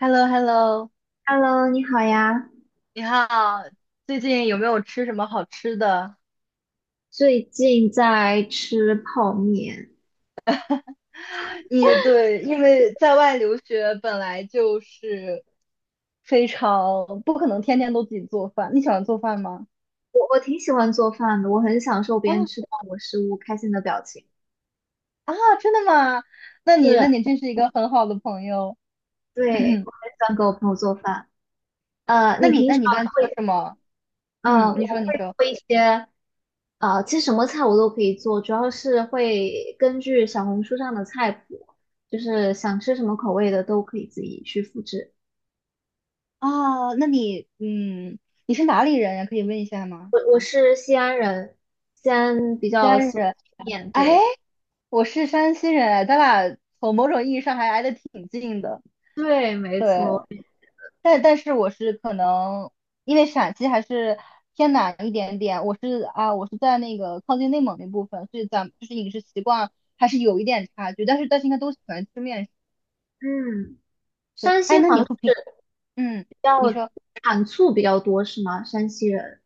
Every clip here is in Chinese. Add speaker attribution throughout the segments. Speaker 1: h e l l o。
Speaker 2: Hello，你好呀。
Speaker 1: 你好，最近有没有吃什么好吃的？
Speaker 2: 最近在吃泡面，
Speaker 1: 对，因为在外留学本来就是非常不可能天天都自己做饭。你喜欢做饭吗？
Speaker 2: 我挺喜欢做饭的，我很享受别人
Speaker 1: 啊，
Speaker 2: 吃到我食物开心的表情。
Speaker 1: 啊，真的吗？那你那
Speaker 2: 是，
Speaker 1: 你真是一个很好的朋友。
Speaker 2: 对，我 很喜欢给我朋友做饭。
Speaker 1: 那
Speaker 2: 你
Speaker 1: 你
Speaker 2: 平
Speaker 1: 那
Speaker 2: 常
Speaker 1: 你一般做
Speaker 2: 会，
Speaker 1: 什么？
Speaker 2: 嗯，
Speaker 1: 嗯，你说
Speaker 2: 我
Speaker 1: 你
Speaker 2: 会
Speaker 1: 说。
Speaker 2: 做一些，其实什么菜我都可以做，主要是会根据小红书上的菜谱，就是想吃什么口味的都可以自己去复制。
Speaker 1: 啊，那你嗯，你是哪里人呀？可以问一下吗？
Speaker 2: 我是西安人，西安比
Speaker 1: 西
Speaker 2: 较
Speaker 1: 安
Speaker 2: 喜欢
Speaker 1: 人。
Speaker 2: 吃面，
Speaker 1: 哎，
Speaker 2: 对
Speaker 1: 我是山西人，哎，咱俩从某种意义上还挨得挺近的。
Speaker 2: 对，没
Speaker 1: 对，
Speaker 2: 错。
Speaker 1: 但是我是可能因为陕西还是偏南一点点，我是在那个靠近内蒙那部分，所以咱们就是饮食习惯还是有一点差距。但是应该都喜欢吃面食。
Speaker 2: 嗯，
Speaker 1: 对，
Speaker 2: 山
Speaker 1: 哎，
Speaker 2: 西
Speaker 1: 那
Speaker 2: 好
Speaker 1: 你
Speaker 2: 像
Speaker 1: 会平，嗯，
Speaker 2: 比
Speaker 1: 你
Speaker 2: 较
Speaker 1: 说。
Speaker 2: 产醋比较多，是吗？山西人。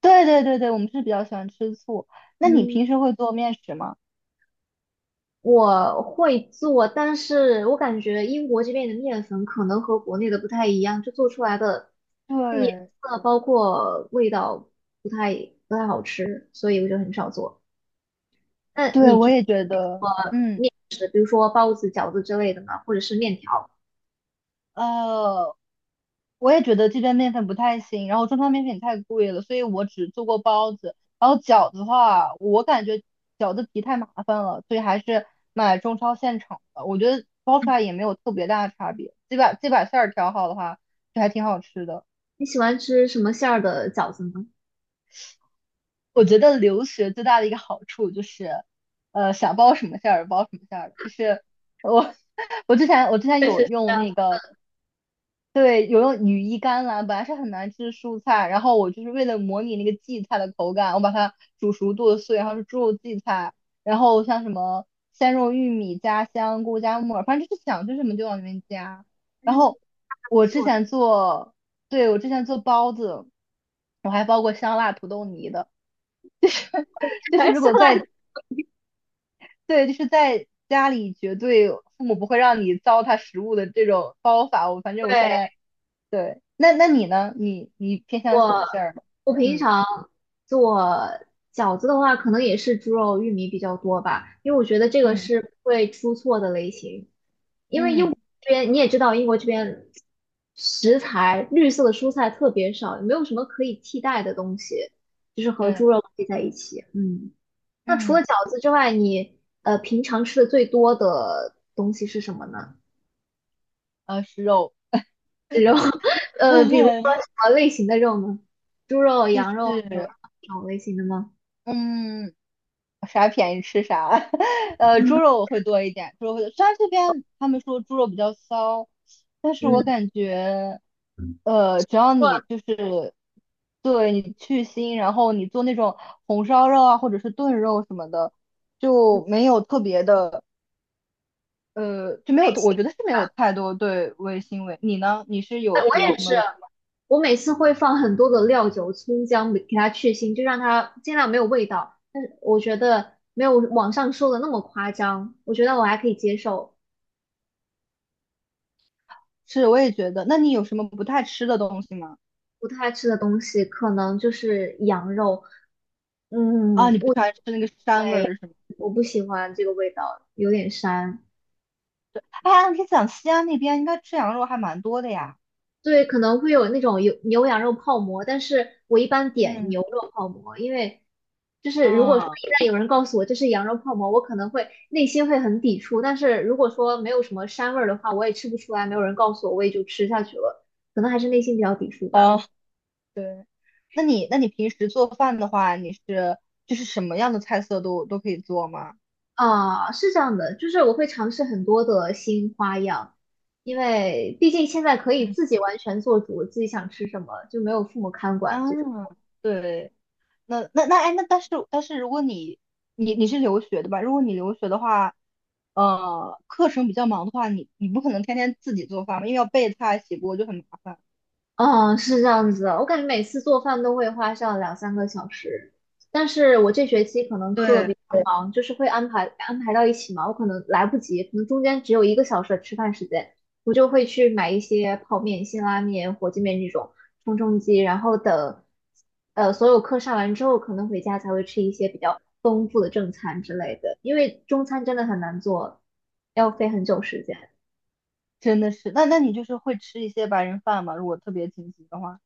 Speaker 1: 对对对对，我们是比较喜欢吃醋。那你
Speaker 2: 嗯，
Speaker 1: 平时会做面食吗？
Speaker 2: 我会做，但是我感觉英国这边的面粉可能和国内的不太一样，就做出来的那个颜
Speaker 1: 对，
Speaker 2: 色包括味道不太不太好吃，所以我就很少做。那
Speaker 1: 对，
Speaker 2: 你
Speaker 1: 我
Speaker 2: 平
Speaker 1: 也觉得，嗯。
Speaker 2: 时比如说包子、饺子之类的呢，或者是面条，
Speaker 1: 呃，我也觉得这边面粉不太行，然后中超面粉太贵了，所以我只做过包子。然后饺子的话，我感觉饺子皮太麻烦了，所以还是买中超现成的。我觉得包出来也没有特别大的差别，这把馅儿调好的话，就还挺好吃的。
Speaker 2: 你喜欢吃什么馅儿的饺子呢？
Speaker 1: 我觉得留学最大的一个好处就是，想包什么馅儿包什么馅儿，就是我 我之前
Speaker 2: 确实
Speaker 1: 有
Speaker 2: 是这
Speaker 1: 用
Speaker 2: 样的，
Speaker 1: 那个。对，有用羽衣甘蓝，本来是很难吃的蔬菜，然后我就是为了模拟那个荠菜的口感，我把它煮熟剁碎，然后是猪肉荠菜，然后像什么鲜肉玉米加香菇加木耳，反正就是想吃什么就往里面加。然
Speaker 2: 嗯，
Speaker 1: 后
Speaker 2: 不
Speaker 1: 我之
Speaker 2: 错，
Speaker 1: 前 做，对，我之前做包子，我还包过香辣土豆泥的，就是
Speaker 2: 白
Speaker 1: 如
Speaker 2: 下
Speaker 1: 果
Speaker 2: 来，
Speaker 1: 在，对，就是在家里绝对父母不会让你糟蹋食物的这种包法，我反正我现
Speaker 2: 对。
Speaker 1: 在对，那你呢？你偏向什么馅儿的？
Speaker 2: 我平
Speaker 1: 嗯，
Speaker 2: 常做饺子的话，可能也是猪肉、玉米比较多吧，因为我觉得这个
Speaker 1: 嗯
Speaker 2: 是不会出错的类型。因为英
Speaker 1: 嗯，
Speaker 2: 国这边你也知道，英国这边食材绿色的蔬菜特别少，也没有什么可以替代的东西，就是和
Speaker 1: 对，
Speaker 2: 猪肉配在一起。嗯，那除了
Speaker 1: 嗯，
Speaker 2: 饺子之外，你平常吃的最多的东西是什么呢？
Speaker 1: 是肉。
Speaker 2: 是肉，比如说什 么类型的肉呢？猪肉、
Speaker 1: 就
Speaker 2: 羊肉、牛肉
Speaker 1: 是
Speaker 2: 这种类型的吗？
Speaker 1: 嗯，啥便宜吃啥。猪
Speaker 2: 嗯
Speaker 1: 肉我会多一点，猪肉会，虽然这边他们说猪肉比较骚，但是我感觉，只要
Speaker 2: 过
Speaker 1: 你
Speaker 2: 类
Speaker 1: 就是对你去腥，然后你做那种红烧肉啊，或者是炖肉什么的，就没有特别的。就没有，我觉得
Speaker 2: 型。
Speaker 1: 是没有太多对味腥味。你呢？你是
Speaker 2: 哎
Speaker 1: 有
Speaker 2: 我也
Speaker 1: 什
Speaker 2: 是，
Speaker 1: 么
Speaker 2: 我每次会放很多的料酒、葱姜，给它去腥，就让它尽量没有味道。但是我觉得没有网上说的那么夸张，我觉得我还可以接受。
Speaker 1: 吃也觉得。那你有什么不太吃的东西吗？
Speaker 2: 不太吃的东西可能就是羊肉，嗯，
Speaker 1: 啊，你不喜
Speaker 2: 我
Speaker 1: 欢吃那个膻味儿是吗？
Speaker 2: 我不喜欢这个味道，有点膻。
Speaker 1: 啊，你讲西安那边应该吃羊肉还蛮多的呀。
Speaker 2: 对，可能会有那种有牛羊肉泡馍，但是我一般点
Speaker 1: 嗯，
Speaker 2: 牛肉泡馍，因为就是如果说
Speaker 1: 嗯，
Speaker 2: 一旦有人告诉我这是羊肉泡馍，我可能会内心会很抵触，但是如果说没有什么膻味儿的话，我也吃不出来，没有人告诉我，我也就吃下去了，可能还是内心比较抵触吧。
Speaker 1: 啊，对，那你平时做饭的话，就是什么样的菜色都可以做吗？
Speaker 2: 啊，是这样的，就是我会尝试很多的新花样，因为毕竟现在可以
Speaker 1: 嗯，
Speaker 2: 自己完全做主，自己想吃什么就没有父母看
Speaker 1: 啊，
Speaker 2: 管这种。
Speaker 1: 对，那哎，那但是如果你是留学的吧？如果你留学的话，课程比较忙的话，你不可能天天自己做饭嘛，因为要备菜洗锅就很麻烦。
Speaker 2: 嗯，是这样子的，我感觉每次做饭都会花上2、3个小时，但是我这学期可能课比
Speaker 1: 对，
Speaker 2: 较忙，就是会安排安排到一起嘛，我可能来不及，可能中间只有1个小时的吃饭时间，我就会去买一些泡面、辛拉面、火鸡面这种充充饥，然后等所有课上完之后，可能回家才会吃一些比较丰富的正餐之类的，因为中餐真的很难做，要费很久时间。
Speaker 1: 真的是，那你就是会吃一些白人饭嘛？如果特别紧急的话，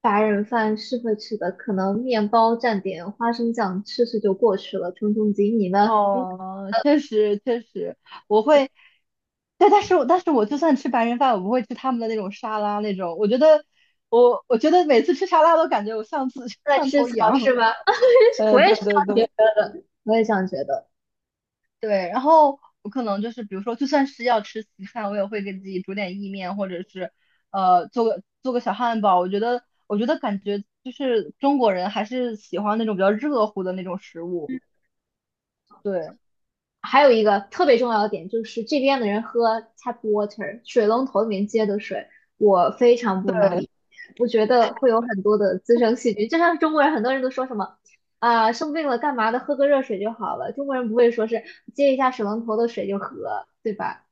Speaker 2: 白人饭是会吃的，可能面包蘸点花生酱吃吃就过去了，冲冲劲。你呢？你
Speaker 1: 哦，确实确实，我会，对，但是我就算吃白人饭，我不会吃他们的那种沙拉那种，我觉得我觉得每次吃沙拉都感觉我像次
Speaker 2: 在
Speaker 1: 像
Speaker 2: 吃
Speaker 1: 头
Speaker 2: 草是
Speaker 1: 羊。
Speaker 2: 吗？我也
Speaker 1: 对
Speaker 2: 是，
Speaker 1: 对对，
Speaker 2: 我也这样觉得。
Speaker 1: 对，然后我可能就是比如说，就算是要吃西餐，我也会给自己煮点意面，或者是做个小汉堡。我觉得感觉就是中国人还是喜欢那种比较热乎的那种食物。对
Speaker 2: 还有一个特别重要的点就是这边的人喝 tap water 水龙头里面接的水，我非常不
Speaker 1: 对
Speaker 2: 能理解，我觉得会有很多的滋生细菌。就像中国人，很多人都说什么啊、生病了干嘛的，喝个热水就好了。中国人不会说是接一下水龙头的水就喝，对吧？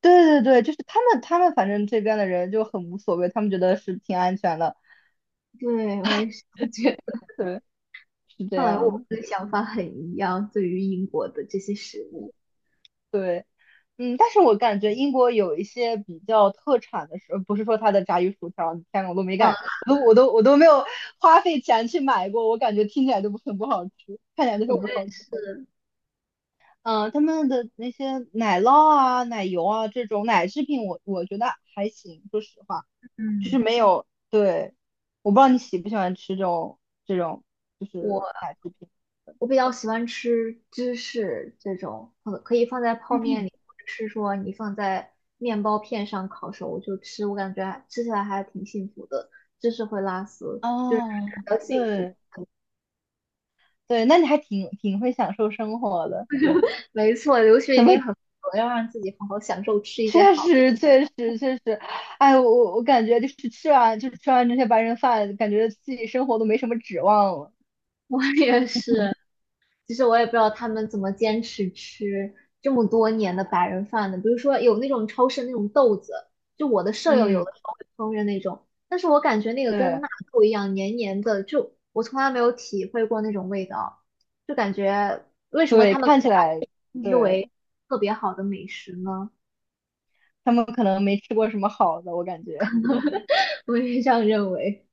Speaker 1: 对对对，就是他们反正这边的人就很无所谓，他们觉得是挺安全的。
Speaker 2: 对，我也是，我觉
Speaker 1: 对，是这
Speaker 2: 看来
Speaker 1: 样
Speaker 2: 我
Speaker 1: 的。
Speaker 2: 们的想法很一样，对于英国的这些食物。
Speaker 1: 对。嗯，但是我感觉英国有一些比较特产的食，不是说它的炸鱼薯条，天呐，我都没
Speaker 2: 嗯，
Speaker 1: 敢，我都没有花费钱去买过，我感觉听起来就不很不好吃，看起来就
Speaker 2: 我
Speaker 1: 很不
Speaker 2: 对
Speaker 1: 好吃。嗯，他们的那些奶酪啊、奶油啊这种奶制品我觉得还行，说实话，就是
Speaker 2: 嗯，
Speaker 1: 没有，对，我不知道你喜不喜欢吃这种就是
Speaker 2: 我
Speaker 1: 奶制品。
Speaker 2: 我比较喜欢吃芝士这种，可可以放在泡面里，
Speaker 1: 嗯，
Speaker 2: 或者是说你放在面包片上烤熟就吃，我感觉还吃起来还挺幸福的。芝士会拉丝，就是
Speaker 1: 哦，
Speaker 2: 比较幸福。
Speaker 1: 对对，那你还挺会享受生活的。
Speaker 2: 没错，留学一
Speaker 1: 怎么？
Speaker 2: 定很苦，要让自己好好享受吃一些
Speaker 1: 确
Speaker 2: 好的。
Speaker 1: 实，确实，确实，哎，我感觉就是吃完这些白人饭，感觉自己生活都没什么指望了。
Speaker 2: 我也是，其实我也不知道他们怎么坚持吃这么多年的白人饭的。比如说有那种超市那种豆子，就我的舍友有
Speaker 1: 嗯，
Speaker 2: 的时候会烹饪那种，但是我感觉那个跟
Speaker 1: 对，
Speaker 2: 纳豆一样黏黏的，就我从来没有体会过那种味道，就感觉为什么
Speaker 1: 对，
Speaker 2: 他们
Speaker 1: 看起
Speaker 2: 把
Speaker 1: 来，
Speaker 2: 这个称之
Speaker 1: 对，
Speaker 2: 为特别好的美食呢？
Speaker 1: 他们可能没吃过什么好的，我感觉。
Speaker 2: 我也是这样认为。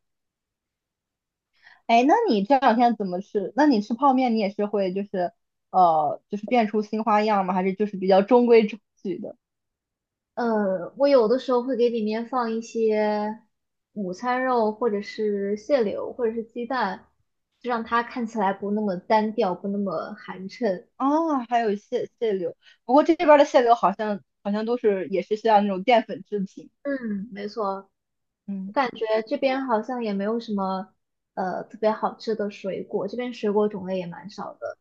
Speaker 1: 哎，那你这两天怎么吃？那你吃泡面，你也是会就是变出新花样吗？还是就是比较中规中矩的？
Speaker 2: 我有的时候会给里面放一些午餐肉，或者是蟹柳，或者是鸡蛋，就让它看起来不那么单调，不那么寒碜。
Speaker 1: 啊，还有蟹柳，不过这边的蟹柳好像也是像那种淀粉制品。
Speaker 2: 嗯，没错，我
Speaker 1: 嗯。
Speaker 2: 感觉这边好像也没有什么特别好吃的水果，这边水果种类也蛮少的。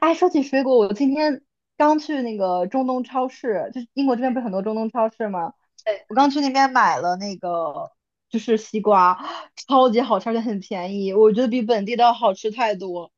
Speaker 1: 哎，说起水果，我今天刚去那个中东超市，就是英国这边不是很多中东超市吗？
Speaker 2: 对，
Speaker 1: 我刚去那边买了那个就是西瓜，超级好吃，而且很便宜，我觉得比本地的要好吃太多。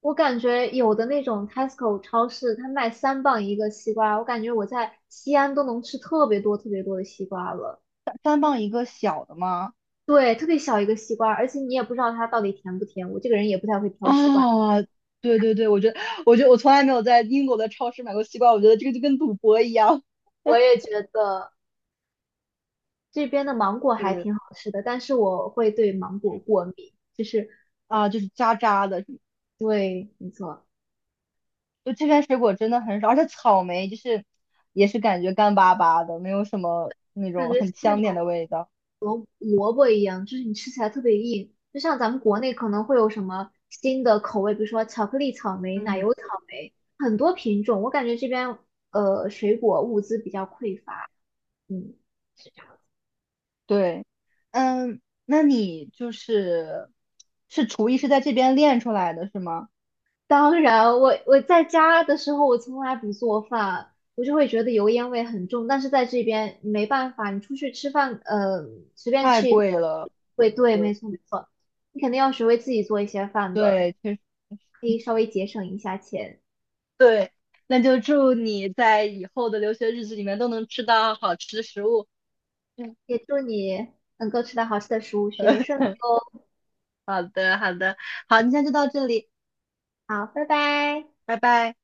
Speaker 2: 我感觉有的那种 Tesco 超市，它卖3磅一个西瓜，我感觉我在西安都能吃特别多特别多的西瓜了。
Speaker 1: 三磅一个小的吗？
Speaker 2: 对，特别小一个西瓜，而且你也不知道它到底甜不甜。我这个人也不太会挑西瓜，
Speaker 1: 啊，对对对，我觉得我从来没有在英国的超市买过西瓜，我觉得这个就跟赌博一样。
Speaker 2: 我也觉得这边的芒果还
Speaker 1: 是，
Speaker 2: 挺好吃的，但是我会对芒果
Speaker 1: 嗯，
Speaker 2: 过敏，就是
Speaker 1: 啊，就是渣渣的，
Speaker 2: 对，没错，
Speaker 1: 就这边水果真的很少，而且草莓就是也是感觉干巴巴的，没有什么那
Speaker 2: 感
Speaker 1: 种
Speaker 2: 觉像
Speaker 1: 很
Speaker 2: 那
Speaker 1: 香甜
Speaker 2: 种
Speaker 1: 的味道。
Speaker 2: 萝卜一样，就是你吃起来特别硬。就像咱们国内可能会有什么新的口味，比如说巧克力草莓、奶
Speaker 1: 嗯，
Speaker 2: 油草莓，很多品种。我感觉这边水果物资比较匮乏，嗯，是这样
Speaker 1: 对，嗯，那你是厨艺是在这边练出来的是吗？
Speaker 2: 当然，我我在家的时候，我从来不做饭，我就会觉得油烟味很重。但是在这边你没办法，你出去吃饭，随便吃
Speaker 1: 太
Speaker 2: 一顿，
Speaker 1: 贵了，
Speaker 2: 对对，没
Speaker 1: 对
Speaker 2: 错没错，你肯定要学会自己做一些饭的，
Speaker 1: 对，确实，
Speaker 2: 可以稍微节省一下钱。
Speaker 1: 对，那就祝你在以后的留学日子里面都能吃到好吃的食物。嗯，
Speaker 2: 也祝你能够吃到好吃的食物，学业顺利。
Speaker 1: 好的好的，好，今天就到这里，
Speaker 2: 好，拜拜。
Speaker 1: 拜拜。